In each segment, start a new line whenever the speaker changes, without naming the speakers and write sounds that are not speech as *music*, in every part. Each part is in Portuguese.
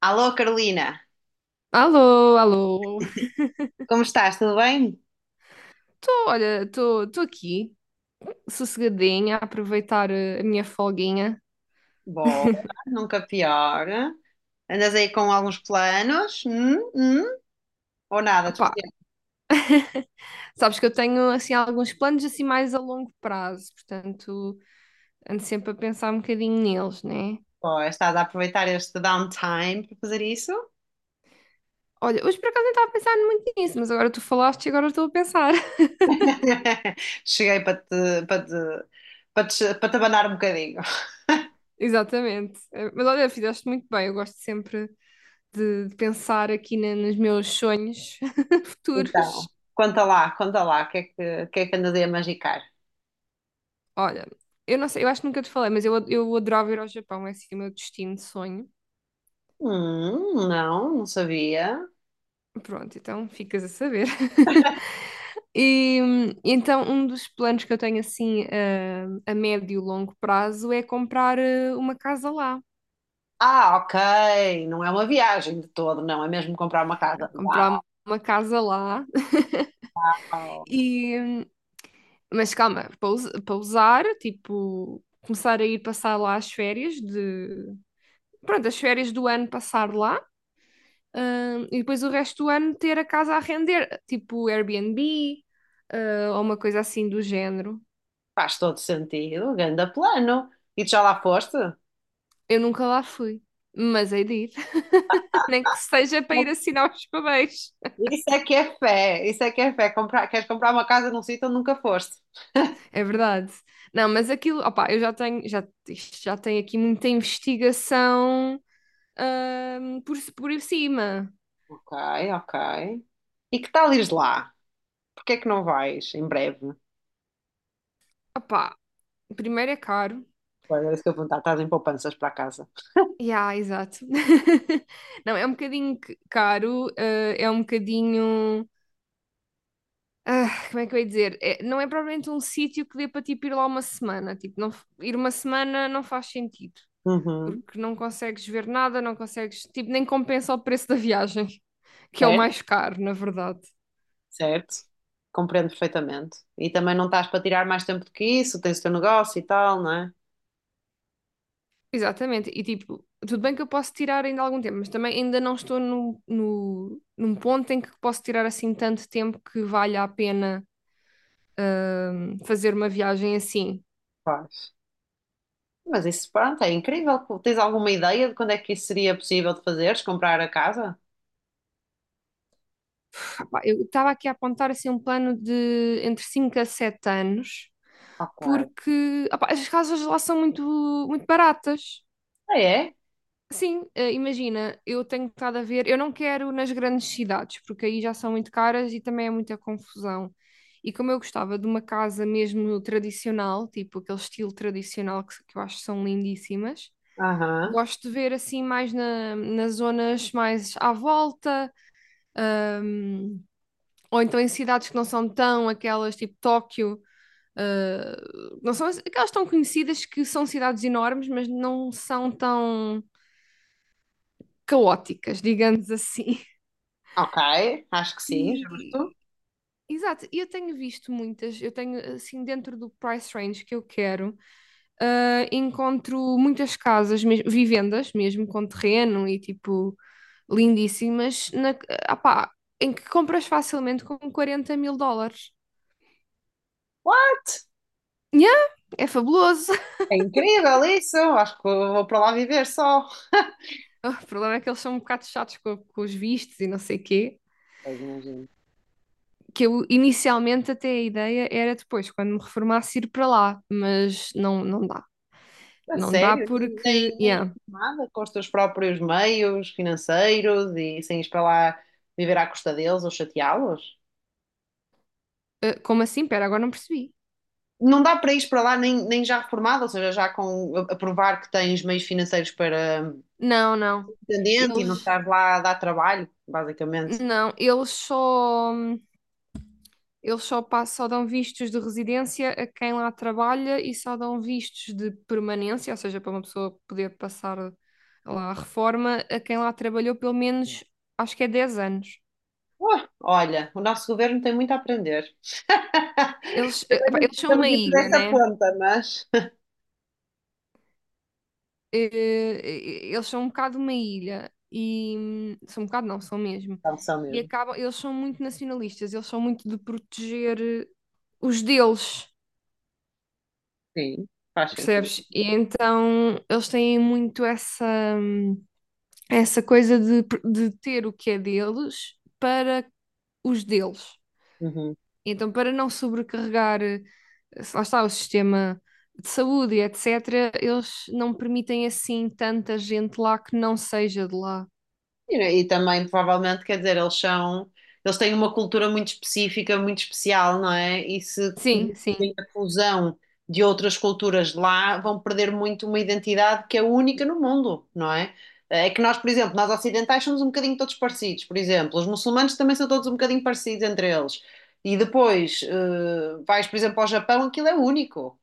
Alô, Carolina,
Alô, alô.
como estás? Tudo bem?
Tô, olha, tô aqui, sossegadinha, a aproveitar a minha folguinha.
Boa, nunca pior. Andas aí com alguns planos? Hum? Ou nada de
Opá,
especial?
sabes que eu tenho, assim, alguns planos, assim, mais a longo prazo, portanto, ando sempre a pensar um bocadinho neles, né?
Ou estás a aproveitar este downtime para fazer isso?
Olha, hoje por acaso nem estava a pensar muito nisso, mas agora tu falaste e agora estou a pensar. *laughs*
*laughs* Cheguei para te abanar um bocadinho.
Exatamente. Mas olha, fizeste muito bem, eu gosto sempre de pensar aqui nos meus sonhos *laughs*
Então,
futuros.
conta lá, o que é que andas aí a magicar?
Olha, eu não sei, eu acho que nunca te falei, mas eu adorava ir ao Japão, é assim o meu destino de sonho.
Não, não sabia.
Pronto, então ficas a saber. *laughs* E então, um dos planos que eu tenho assim a médio e longo prazo é comprar uma casa lá.
Ah, ok, não é uma viagem de todo, não, é mesmo comprar uma
Não,
casa.
comprar uma casa lá *laughs*
Uau.
e mas calma, para usar, tipo, começar a ir passar lá as férias de pronto, as férias do ano passar lá, e depois o resto do ano ter a casa a render, tipo Airbnb, ou uma coisa assim do género.
Faz todo sentido, ganda plano. E tu já lá foste?
Eu nunca lá fui, mas hei de ir, *laughs* nem que seja para ir assinar os papéis.
Isso é que é fé, isso é que é fé. Queres comprar uma casa num sítio onde nunca foste?
É verdade. Não, mas aquilo, opá, eu já tenho, já, isto já tenho aqui muita investigação por cima.
Ok, ok. E que tal ires lá? Porquê é que não vais em breve?
Opá, primeiro é caro.
Pois é isso que eu vou perguntar, estás em poupanças para casa.
Yeah, exato. *laughs* Não, é um bocadinho caro, é um bocadinho. Como é que eu ia dizer? Não é propriamente um sítio que dê para tipo, ir lá uma semana. Tipo, não, ir uma semana não faz sentido.
Uhum.
Porque não consegues ver nada, não consegues, tipo, nem compensa o preço da viagem, *laughs* que é o
Certo,
mais caro, na verdade.
certo. Compreendo perfeitamente. E também não estás para tirar mais tempo do que isso, tens o teu negócio e tal, não é?
Exatamente, e tipo, tudo bem que eu posso tirar ainda algum tempo, mas também ainda não estou no, no, num ponto em que posso tirar assim tanto tempo que valha a pena fazer uma viagem assim.
Faz. Mas isso, pronto, é incrível. Tens alguma ideia de quando é que isso seria possível de fazeres? Comprar a casa?
Rapá, eu estava aqui a apontar assim um plano de entre 5 a 7 anos,
Ok.
porque opá, as casas lá são muito, muito baratas.
Ah, é?
Sim, imagina, eu tenho estado a ver, eu não quero nas grandes cidades, porque aí já são muito caras e também é muita confusão. E como eu gostava de uma casa mesmo tradicional, tipo aquele estilo tradicional que eu acho que são lindíssimas,
Aham.
gosto de ver assim mais nas zonas mais à volta, ahm, ou então em cidades que não são tão aquelas tipo Tóquio, ah, não são aquelas tão conhecidas que são cidades enormes, mas não são tão caóticas, digamos assim.
Ok, acho que sim, justo.
E, exato, e eu tenho visto muitas, eu tenho assim dentro do price range que eu quero, encontro muitas casas, vivendas mesmo com terreno e tipo lindíssimas, na, ah pá, em que compras facilmente com 40 mil dólares. Yeah, é fabuloso. *laughs*
É incrível isso. Acho que vou para lá viver só.
O problema é que eles são um bocado chatos com os vistos e não sei quê.
Pois, imagino.
Que eu inicialmente até a ideia era depois, quando me reformasse, ir para lá, mas não, não dá.
A
Não dá
sério, nem,
porque,
nem nem
yeah.
nada, com os teus próprios meios financeiros e sem ir para lá viver à custa deles ou chateá-los?
Ah, como assim? Pera, agora não percebi.
Não dá para ir para lá nem, já reformado, ou seja, já com a provar que tens meios financeiros para
Não, não.
dependente e não
Eles
estar lá a dar trabalho, basicamente.
não, eles só só dão vistos de residência a quem lá trabalha e só dão vistos de permanência, ou seja, para uma pessoa poder passar lá a reforma, a quem lá trabalhou pelo menos, acho que é 10 anos.
Ué, olha, o nosso governo tem muito a aprender. *laughs*
Pá, eles são
Estamos
uma
não ir por
ilha,
essa
né?
ponta, mas.
eh, eles são um bocado uma ilha e são um bocado não, são mesmo.
São, são
E
mesmo.
acabam, eles são muito nacionalistas, eles são muito de proteger os deles,
Sim, faz sentido.
percebes? E então eles têm muito essa hum, essa coisa de ter o que é deles para os deles.
Uhum.
Então, para não sobrecarregar, se lá está, o sistema de saúde e etc., eles não permitem assim tanta gente lá que não seja de lá.
E também, provavelmente, quer dizer, eles têm uma cultura muito específica, muito especial, não é? E se
Sim,
permitirem
sim.
a fusão de outras culturas de lá, vão perder muito uma identidade que é única no mundo, não é? É que nós, por exemplo, nós ocidentais somos um bocadinho todos parecidos, por exemplo, os muçulmanos também são todos um bocadinho parecidos entre eles. E depois, vais, por exemplo, ao Japão, aquilo é único.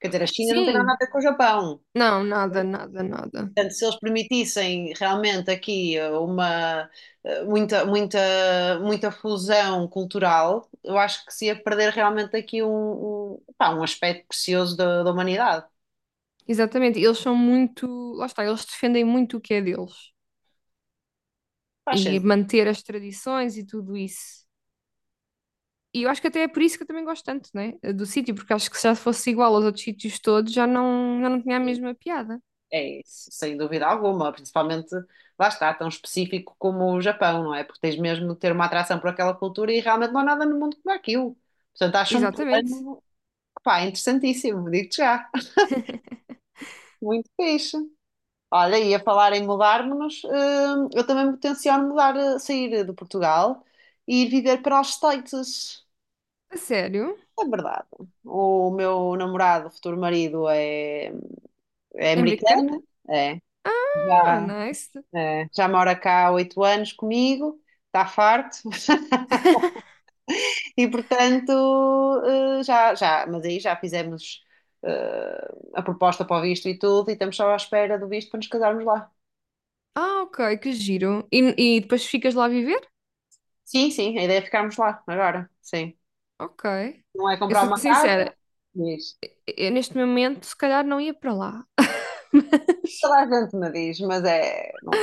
Quer dizer, a China não tem nada a
Sim,
ver com o Japão.
não, nada, nada, nada.
Portanto, se eles permitissem realmente aqui muita, muita, muita fusão cultural, eu acho que se ia perder realmente aqui um aspecto precioso da humanidade.
Exatamente, eles são muito, lá está, eles defendem muito o que é deles
Faz
e
sentido.
manter as tradições e tudo isso. E eu acho que até é por isso que eu também gosto tanto, né, do sítio, porque acho que se já fosse igual aos outros sítios todos, já não tinha a mesma piada.
É isso, sem dúvida alguma, principalmente lá está, tão específico como o Japão, não é? Porque tens mesmo de ter uma atração por aquela cultura e realmente não há nada no mundo como aquilo. Portanto, acho um
Exatamente.
plano, pá, interessantíssimo, digo-te já. *laughs* Muito fixe. Olha, ia falar em mudar-nos, eu também me tenciono mudar, sair de Portugal e ir viver para os States.
A sério?
É verdade. O meu namorado, futuro marido, é
É americano?
americano, é.
Ah,
Já,
nice.
já mora cá há 8 anos comigo, está farto. *laughs* E portanto, mas aí já fizemos, a proposta para o visto e tudo, e estamos só à espera do visto para nos casarmos lá.
Ah, ok, que giro. E depois ficas lá a viver?
Sim, sim, a ideia é ficarmos lá agora, sim.
Ok.
Não é
Eu
comprar
sou
uma casa,
sincera,
diz.
eu neste momento se calhar não ia para lá. *laughs*
Toda a gente me diz, mas é. Não,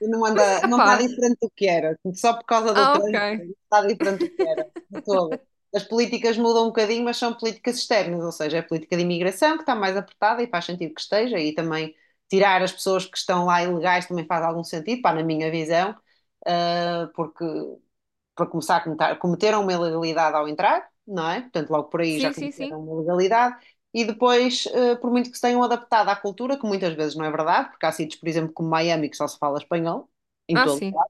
não
Mas,
anda, não está
epá.
diferente do que era. Só por causa do
Ah, ok.
trânsito, não está diferente do que era. De todo. As políticas mudam um bocadinho, mas são políticas externas, ou seja, é a política de imigração que está mais apertada e faz sentido que esteja, e também tirar as pessoas que estão lá ilegais também faz algum sentido, pá, na minha visão, porque para começar cometeram uma ilegalidade ao entrar, não é? Portanto, logo por aí já
Sim, sim, sim.
cometeram uma ilegalidade. E depois, por muito que se tenham adaptado à cultura, que muitas vezes não é verdade, porque há sítios, por exemplo, como Miami, que só se fala espanhol, em
Ah,
todo.
sim.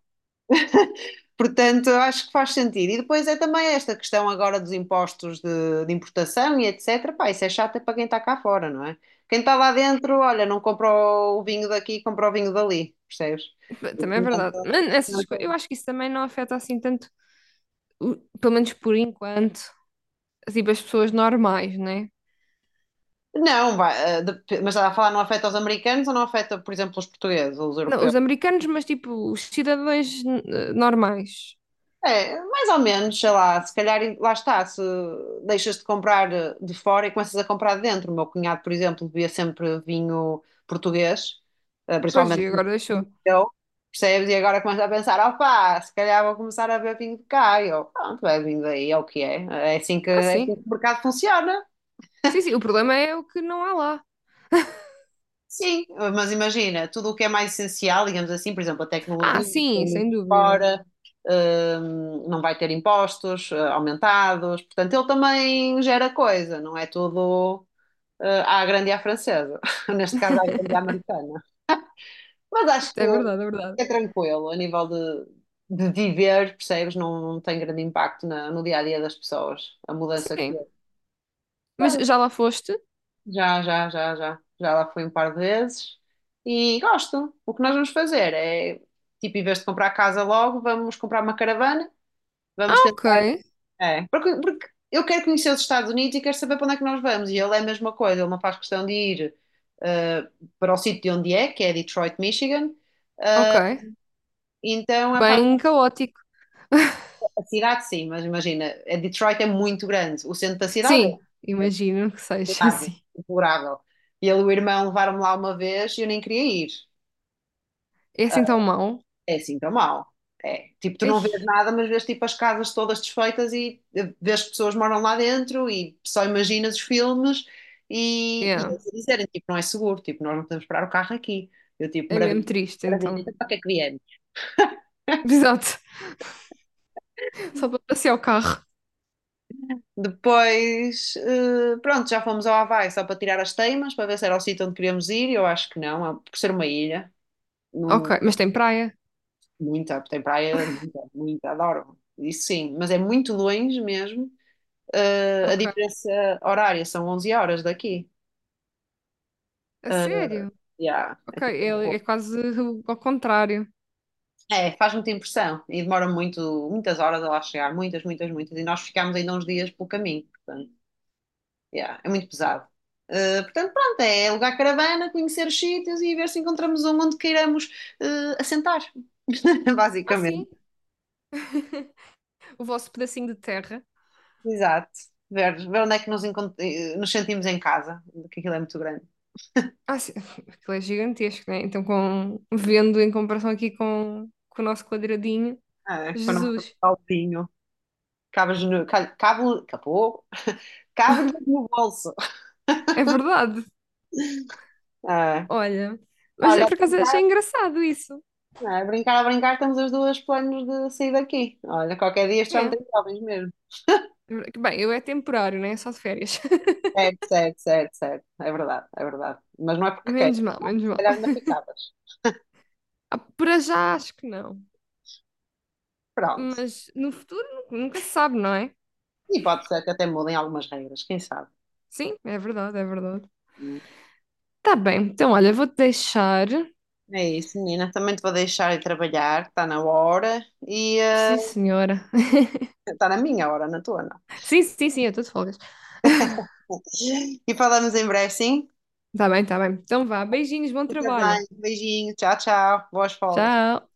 Portanto, acho que faz sentido. E depois é também esta questão agora dos impostos de importação e etc. Pá, isso é chato é para quem está cá fora, não é? Quem está lá dentro, olha, não compra o vinho daqui, compra o vinho dali, percebes?
Também é verdade. Mas essas coisas, eu
Portanto,
acho que isso também não afeta assim tanto, pelo menos por enquanto, tipo, as pessoas normais, né?
não, vai, mas está a falar, não afeta os americanos ou não afeta, por exemplo, os portugueses ou os
Não,
europeus?
os americanos, mas tipo, os cidadãos normais.
É, mais ou menos, sei lá, se calhar, lá está, se deixas de comprar de fora e começas a comprar de dentro. O meu cunhado, por exemplo, bebia sempre vinho português,
Pois, e
principalmente
agora deixou.
eu, percebes? E agora começa a pensar, opá, se calhar vou começar a beber vinho de cá. E eu, pronto, bebe vinho daí, é o que é. É assim que,
Ah,
é assim que
sim.
o mercado funciona.
Sim, sim. O problema é o que não há lá.
Sim, mas imagina, tudo o que é mais essencial, digamos assim, por exemplo, a
Ah,
tecnologia, foi
sim, sem
muito
dúvida.
fora, não vai ter impostos, aumentados, portanto, ele também gera coisa, não é tudo, à grande e à francesa, *laughs* neste caso à grande e à
*laughs*
americana. Mas acho que
É verdade, é verdade.
é tranquilo, a nível de viver, percebes, não tem grande impacto no dia a dia das pessoas, a mudança que
Sim. Mas
é.
já lá foste?
Já, já, já, já. Já lá fui um par de vezes e gosto. O que nós vamos fazer é, tipo, em vez de comprar casa logo, vamos comprar uma caravana,
Ah,
vamos
ok.
tentar. É, porque eu quero conhecer os Estados Unidos e quero saber para onde é que nós vamos. E ele é a mesma coisa, ele não faz questão de ir eh, para o sítio de onde é, que é Detroit, Michigan.
Ok.
Então, é faz a
Bem
parte
caótico. *laughs*
da cidade, sim, mas imagina, a Detroit é muito grande. O centro da cidade é
Sim, imagino que seja
deplorável.
assim.
Deplorável. E ele e o irmão levaram-me lá uma vez e eu nem queria ir.
É assim tão mau.
É assim tão mal. É. Tipo, tu
Ai,
não vês nada, mas vês tipo as casas todas desfeitas e vês que pessoas moram lá dentro e só imaginas os filmes e
yeah.
eles a dizerem, tipo, não é seguro, tipo, nós não podemos parar o carro aqui. Eu tipo,
É
maravilha,
mesmo triste,
maravilha,
então.
então para que é que viemos?
*laughs* Exato. Só para passear o carro.
Depois, pronto, já fomos ao Havaí só para tirar as teimas, para ver se era o sítio onde queríamos ir, e eu acho que não, por ser uma ilha, não,
Ok, mas tem praia?
muita, tem praia, muita, muita, adoro. Isso sim, mas é muito longe mesmo. A
Ok.
diferença horária são 11 horas daqui.
A sério?
Já, é
Ok,
tipo um
é
horror.
quase ao contrário.
É, faz muita impressão e demora muito, muitas horas a lá chegar, muitas, muitas, muitas. E nós ficámos ainda uns dias pelo caminho, portanto, já, é muito pesado. Portanto, pronto, é alugar caravana, conhecer os sítios e ver se encontramos um onde queiramos assentar, *laughs*
Ah, sim.
basicamente.
*laughs* O vosso pedacinho de terra.
Exato. Ver onde é que nos sentimos em casa, porque aquilo é muito grande.
Ah, sim. Aquilo é gigantesco, né? Então, vendo em comparação aqui com o nosso quadradinho,
Ah, é, para não ficar
Jesus.
sozinho. Cabas no, cabo, capô. Cabe-lhe no bolso.
É verdade.
Ah,
Olha. Mas é
olha, a
por acaso achei
brincar,
engraçado isso.
não é? A brincar, a brincar, temos os dois planos de sair daqui. Olha, qualquer dia isto já não
É.
tem jovens mesmo.
Bem, eu é temporário, né? É só de férias.
Certo, certo, certo, certo. É verdade, é verdade. Mas não é
*laughs*
porque
Menos
queiras,
mal,
não é?
menos
Se
mal.
calhar ainda ficavas.
Ah, para já acho que não,
Pronto.
mas no futuro nunca se sabe, não é?
E pode ser que até mudem algumas regras, quem sabe?
Sim, é verdade, é verdade.
Hum.
Tá bem, então olha, vou-te deixar.
É isso, menina. Também te vou deixar ir trabalhar, está na hora e
Sim, senhora. *laughs*
está na minha hora, na tua não.
Sim, sim, sim, eu estou de folgas.
*laughs* E falamos em breve, sim?
Tá bem, tá bem. Então vá, beijinhos, bom
Fica
trabalho.
bem, beijinho, tchau, tchau, boas folgas.
Tchau.